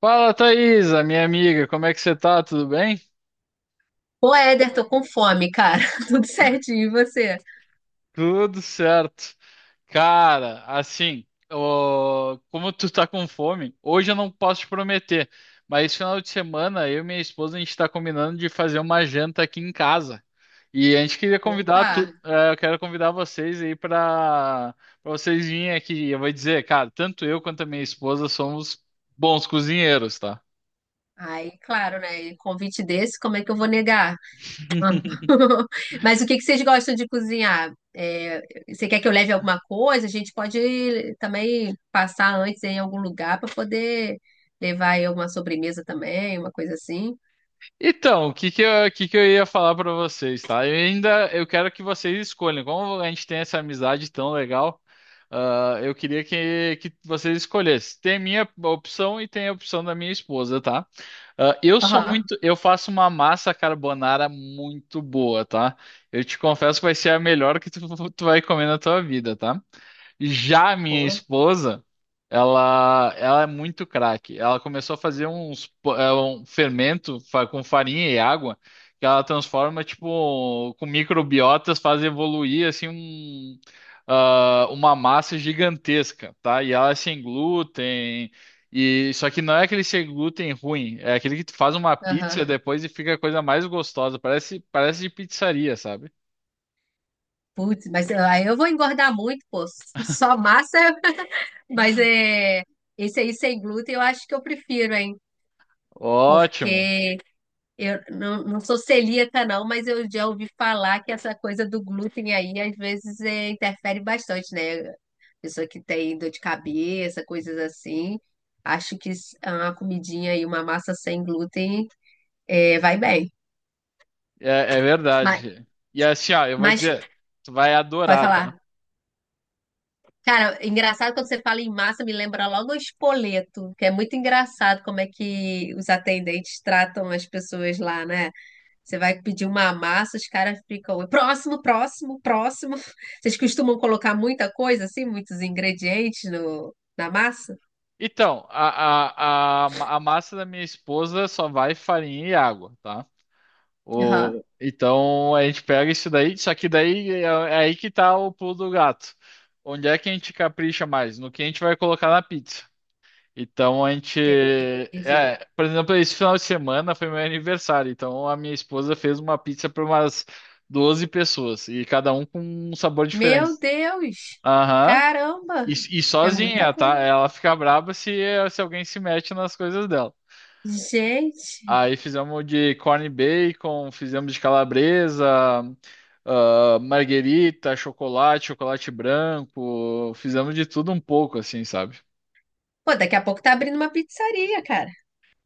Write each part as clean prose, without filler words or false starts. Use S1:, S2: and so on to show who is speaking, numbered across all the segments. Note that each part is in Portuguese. S1: Fala, Thaisa, minha amiga, como é que você tá? Tudo bem?
S2: Ô, Éder, tô com fome, cara. Tudo certinho, e você?
S1: Tudo certo. Cara, assim, ó, como tu tá com fome, hoje eu não posso te prometer, mas esse final de semana eu e minha esposa a gente tá combinando de fazer uma janta aqui em casa. E a gente queria convidar
S2: Opa!
S1: tu, eu quero convidar vocês aí pra para vocês virem aqui. Eu vou dizer, cara, tanto eu quanto a minha esposa somos bons cozinheiros, tá?
S2: Aí, claro, né? E convite desse, como é que eu vou negar? Mas o que que vocês gostam de cozinhar? Você quer que eu leve alguma coisa? A gente pode também passar antes em algum lugar para poder levar aí alguma sobremesa também, uma coisa assim.
S1: Então, o que que eu ia falar pra vocês, tá? Eu ainda eu quero que vocês escolham. Como a gente tem essa amizade tão legal, eu queria que vocês escolhessem. Tem a minha opção e tem a opção da minha esposa, tá?
S2: Aham,
S1: Eu faço uma massa carbonara muito boa, tá? Eu te confesso que vai ser a melhor que tu, tu vai comer na tua vida, tá? Já a minha
S2: pô,
S1: esposa, ela é muito craque. Ela começou a fazer um fermento com farinha e água que ela transforma, tipo, com microbiotas, faz evoluir, assim, uma massa gigantesca, tá? E ela é sem glúten, e só que não é aquele sem glúten ruim, é aquele que tu faz uma pizza
S2: aham.
S1: depois e fica a coisa mais gostosa, parece de pizzaria, sabe?
S2: Putz, aí eu vou engordar muito, pô. Só massa, mas é. Esse aí sem glúten eu acho que eu prefiro, hein?
S1: Ótimo.
S2: Porque eu não, não sou celíaca, não, mas eu já ouvi falar que essa coisa do glúten aí às vezes interfere bastante, né? Pessoa que tem dor de cabeça, coisas assim. Acho que é uma comidinha e uma massa sem glúten vai bem.
S1: É, é
S2: Mas,
S1: verdade. E assim, ó, eu vou
S2: mas
S1: dizer, tu vai
S2: pode
S1: adorar, tá?
S2: falar. Cara, engraçado quando você fala em massa, me lembra logo o espoleto, que é muito engraçado como é que os atendentes tratam as pessoas lá, né? Você vai pedir uma massa, os caras ficam próximo, próximo, próximo. Vocês costumam colocar muita coisa assim, muitos ingredientes no, na massa?
S1: Então, a massa da minha esposa só vai farinha e água, tá?
S2: Aham,
S1: O, então a gente pega isso daí, só que daí é aí que tá o pulo do gato. Onde é que a gente capricha mais? No que a gente vai colocar na pizza. Então a gente.
S2: entendi.
S1: É, por exemplo, esse final de semana foi meu aniversário. Então a minha esposa fez uma pizza para umas 12 pessoas. E cada um com um sabor diferente.
S2: Meu Deus!
S1: Aham. E,
S2: Caramba!
S1: e
S2: É muita
S1: sozinha,
S2: coisa.
S1: tá? Ela fica braba se alguém se mete nas coisas dela.
S2: Gente!
S1: Aí fizemos de corn bacon, fizemos de calabresa, marguerita, chocolate, chocolate branco, fizemos de tudo um pouco, assim, sabe?
S2: Pô, daqui a pouco tá abrindo uma pizzaria, cara.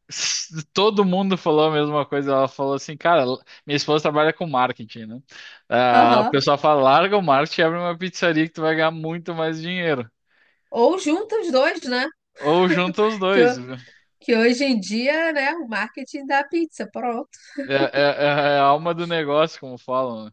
S1: Todo mundo falou a mesma coisa. Ela falou assim, cara, minha esposa trabalha com marketing, né? Ah, o
S2: Aham.
S1: pessoal fala, larga o marketing e abre uma pizzaria que tu vai ganhar muito mais dinheiro.
S2: Ou junta os dois, né?
S1: Ou junta os
S2: Que,
S1: dois.
S2: ho- que hoje em dia, né, o marketing da pizza, pronto.
S1: É, é- é a alma do negócio, como falam, né?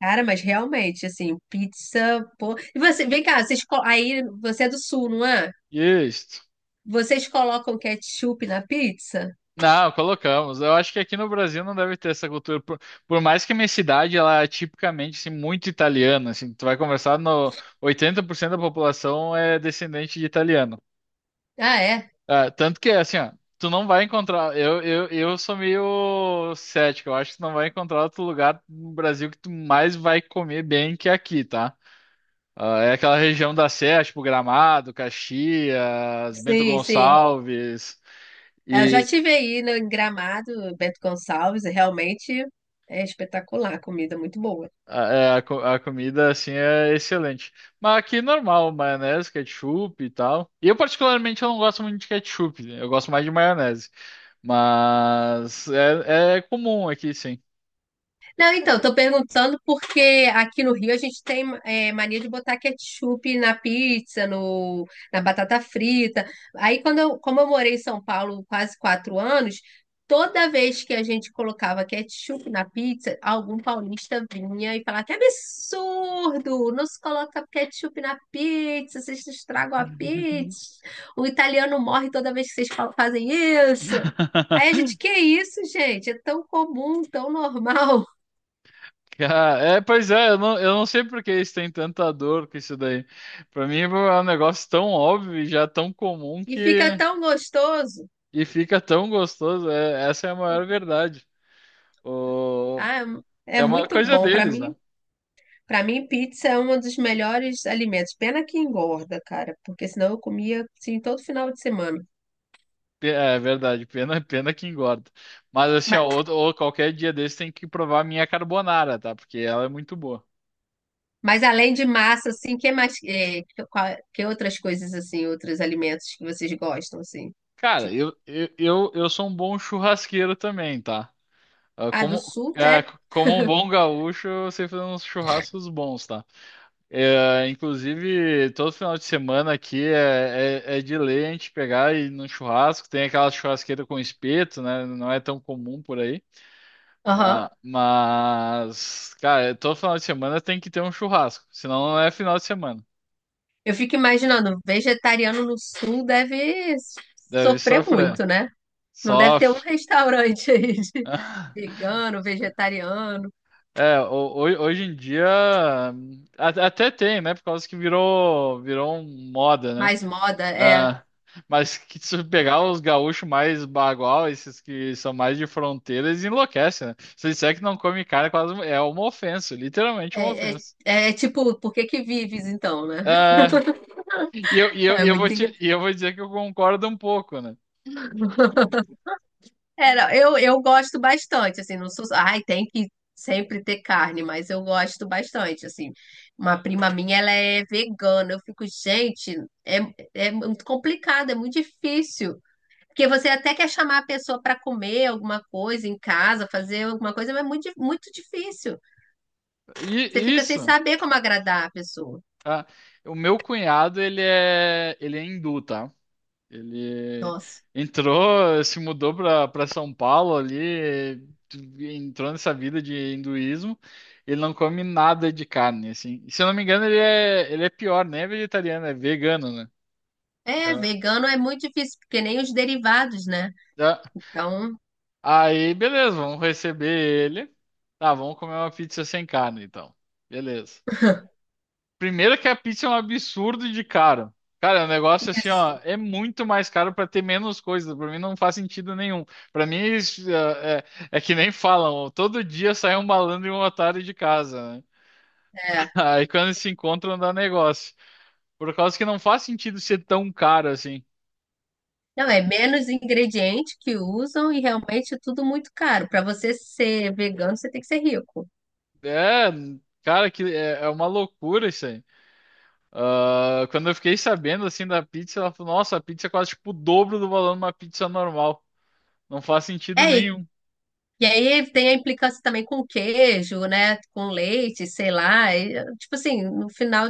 S2: Cara, mas realmente, assim, pizza, pô. E você, vem cá, aí você é do sul, não é?
S1: Isso.
S2: Vocês colocam ketchup na pizza?
S1: Não, colocamos. Eu acho que aqui no Brasil não deve ter essa cultura. Por mais que a minha cidade, ela é tipicamente assim, muito italiana. Assim, tu vai conversar no 80% da população é descendente de italiano.
S2: Ah, é?
S1: Ah, tanto que, assim, ó, tu não vai encontrar. Eu sou meio cético. Eu acho que tu não vai encontrar outro lugar no Brasil que tu mais vai comer bem que aqui, tá? Ah, é aquela região da Serra, tipo Gramado, Caxias, Bento
S2: Sim, sim.
S1: Gonçalves.
S2: Eu já
S1: E
S2: tive aí no em Gramado, Bento Gonçalves, e realmente é espetacular, a comida é muito boa.
S1: a comida, assim, é excelente. Mas aqui, é normal, maionese, ketchup e tal. E eu, particularmente, eu não gosto muito de ketchup, né? Eu gosto mais de maionese. Mas é comum aqui, sim.
S2: Não, então, tô perguntando porque aqui no Rio a gente tem mania de botar ketchup na pizza, no, na batata frita. Aí, como eu morei em São Paulo quase 4 anos, toda vez que a gente colocava ketchup na pizza, algum paulista vinha e falava: Que absurdo! Não se coloca ketchup na pizza, vocês estragam a pizza. O italiano morre toda vez que vocês fazem isso. Aí a gente, que isso, gente? É tão comum, tão normal.
S1: Pois é, eu não sei por que eles têm tanta dor com isso daí. Pra mim é um negócio tão óbvio e já tão comum
S2: E fica
S1: que.
S2: tão gostoso.
S1: E fica tão gostoso, essa é a maior verdade. O-
S2: Ah, é
S1: é uma
S2: muito
S1: coisa
S2: bom. Para
S1: deles,
S2: mim,
S1: né?
S2: para mim, pizza é um dos melhores alimentos. Pena que engorda, cara, porque senão eu comia assim todo final de semana.
S1: É verdade, pena que engorda. Mas assim, ó,
S2: Mas,
S1: ou qualquer dia desse tem que provar a minha carbonara, tá? Porque ela é muito boa.
S2: mas além de massa, assim, que mais, que outras coisas assim, outros alimentos que vocês gostam assim?
S1: Cara,
S2: Tipo,
S1: eu sou um bom churrasqueiro também, tá? Ah,
S2: ah, do
S1: Como,
S2: sul,
S1: é,
S2: né?
S1: como um bom gaúcho, eu sei fazer uns churrascos bons, tá? É, inclusive, todo final de semana aqui é de lei a gente pegar e ir num churrasco. Tem aquela churrasqueira com espeto, né? Não é tão comum por aí.
S2: Aham.
S1: Mas, cara, todo final de semana tem que ter um churrasco. Senão não é final de semana.
S2: Eu fico imaginando, vegetariano no sul deve
S1: Deve
S2: sofrer
S1: sofrer.
S2: muito, né? Não deve ter um
S1: Sofre.
S2: restaurante aí de vegano, vegetariano.
S1: É, ho- Hoje em dia até tem, né? Por causa que virou um moda, né?
S2: Mais moda, é.
S1: Ah, mas que se pegar os gaúchos mais bagual, esses que são mais de fronteira, eles enlouquecem, né? Se disser que não come carne, é quase uma ofensa, literalmente uma
S2: É, é,
S1: ofensa.
S2: é tipo, por que que vives então, né?
S1: Ah, e eu, e eu,
S2: É
S1: e eu vou
S2: muito
S1: te,
S2: engraçado.
S1: e eu vou dizer que eu concordo um pouco, né?
S2: É, não, eu gosto bastante, assim, não sou. Ai, tem que sempre ter carne, mas eu gosto bastante, assim. Uma prima minha, ela é vegana. Eu fico, gente, é, é muito complicado, é muito difícil. Porque você até quer chamar a pessoa para comer alguma coisa em casa, fazer alguma coisa, mas é muito, muito difícil.
S1: E
S2: Você fica sem
S1: isso,
S2: saber como agradar a pessoa.
S1: ah, o meu cunhado, ele é hindu, tá? Ele
S2: Nossa.
S1: entrou, se mudou para São Paulo ali, entrou nessa vida de hinduísmo. Ele não come nada de carne, assim. E, se eu não me engano, ele é pior, nem é vegetariano, é vegano, né? É.
S2: É, vegano é muito difícil, porque nem os derivados, né?
S1: É.
S2: Então,
S1: Aí, beleza, vamos receber ele. Tá, vamos comer uma pizza sem carne, então. Beleza. Primeiro que a pizza é um absurdo de caro. Cara, o negócio assim, ó,
S2: isso,
S1: é muito mais caro pra ter menos coisa. Pra mim não faz sentido nenhum. Pra mim isso, é, é- é que nem falam, ó, todo dia sai um malandro e um otário de casa, né?
S2: é.
S1: Aí quando se encontram dá negócio. Por causa que não faz sentido ser tão caro assim.
S2: Não, é menos ingrediente que usam e realmente é tudo muito caro. Para você ser vegano, você tem que ser rico.
S1: É, cara, é uma loucura isso aí. Ah, quando eu fiquei sabendo assim da pizza, ela falou, nossa, a pizza é quase tipo o dobro do valor de uma pizza normal. Não faz sentido
S2: É,
S1: nenhum.
S2: e aí tem a implicância também com queijo, né? Com leite, sei lá. E, tipo assim,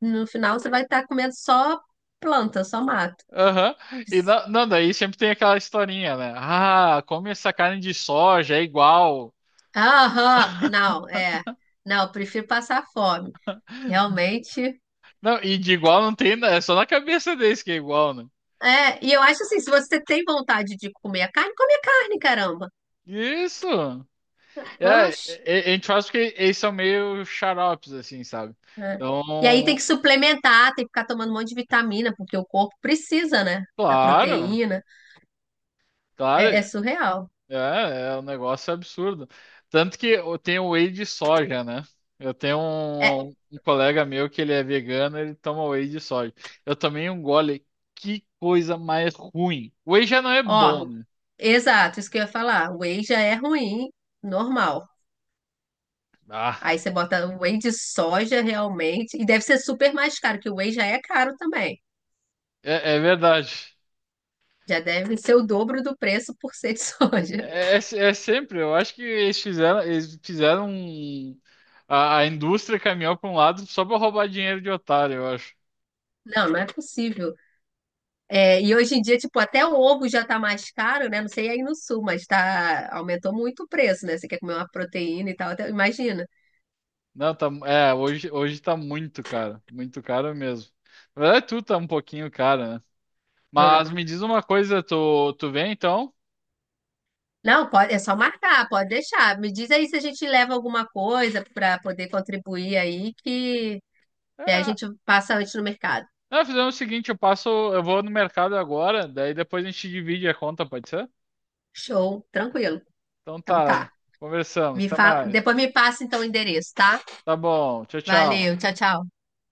S2: no final você vai estar comendo só planta, só mato.
S1: Aham. E não, daí sempre tem aquela historinha, né? Ah, come essa carne de soja, é igual.
S2: Aham, não, é. Não, prefiro passar fome. Realmente
S1: Não, e de igual não tem, né? É só na cabeça deles que é igual, né?
S2: é, eu acho assim, se você tem vontade de comer a carne, come a carne, caramba.
S1: Isso! É, é-
S2: Oxe,
S1: a gente faz porque eles são meio xaropes, assim, sabe?
S2: né? E aí tem que
S1: Então,
S2: suplementar, tem que ficar tomando um monte de vitamina, porque o corpo precisa, né? Da
S1: claro,
S2: proteína.
S1: claro.
S2: É, é surreal.
S1: É, é um negócio absurdo. Tanto que eu tenho whey de soja, né? Eu tenho
S2: É,
S1: um colega meu que ele é vegano, ele toma whey de soja. Eu tomei um gole, que coisa mais ruim. Whey já não é
S2: ó,
S1: bom, né?
S2: exato, isso que eu ia falar. O whey já é ruim, normal.
S1: Ah,
S2: Aí você bota o whey de soja realmente, e deve ser super mais caro, que o whey já é caro também.
S1: é, é verdade.
S2: Já deve ser o dobro do preço por ser de soja.
S1: É, é, é sempre, eu acho que eles fizeram a indústria caminhou para um lado só para roubar dinheiro de otário, eu acho.
S2: Não, não é possível. É, e hoje em dia, tipo, até o ovo já tá mais caro, né? Não sei aí no sul, mas tá, aumentou muito o preço, né? Você quer comer uma proteína e tal, até- imagina.
S1: Não, tá, é, hoje tá muito caro mesmo. Na verdade, tudo tá um pouquinho caro, né?
S2: Hum.
S1: Mas me diz uma coisa, tu vem então?
S2: Não, pode, é só marcar, pode deixar. Me diz aí se a gente leva alguma coisa para poder contribuir aí, que a
S1: É,
S2: gente passa antes no mercado.
S1: não, fizemos o seguinte, eu passo, eu vou no mercado agora, daí depois a gente divide a conta, pode ser?
S2: Show, tranquilo.
S1: Então
S2: Então tá.
S1: tá, conversamos,
S2: Me
S1: até
S2: fala,
S1: mais.
S2: depois me passa então o endereço, tá?
S1: Tá bom, tchau, tchau.
S2: Valeu, tchau, tchau.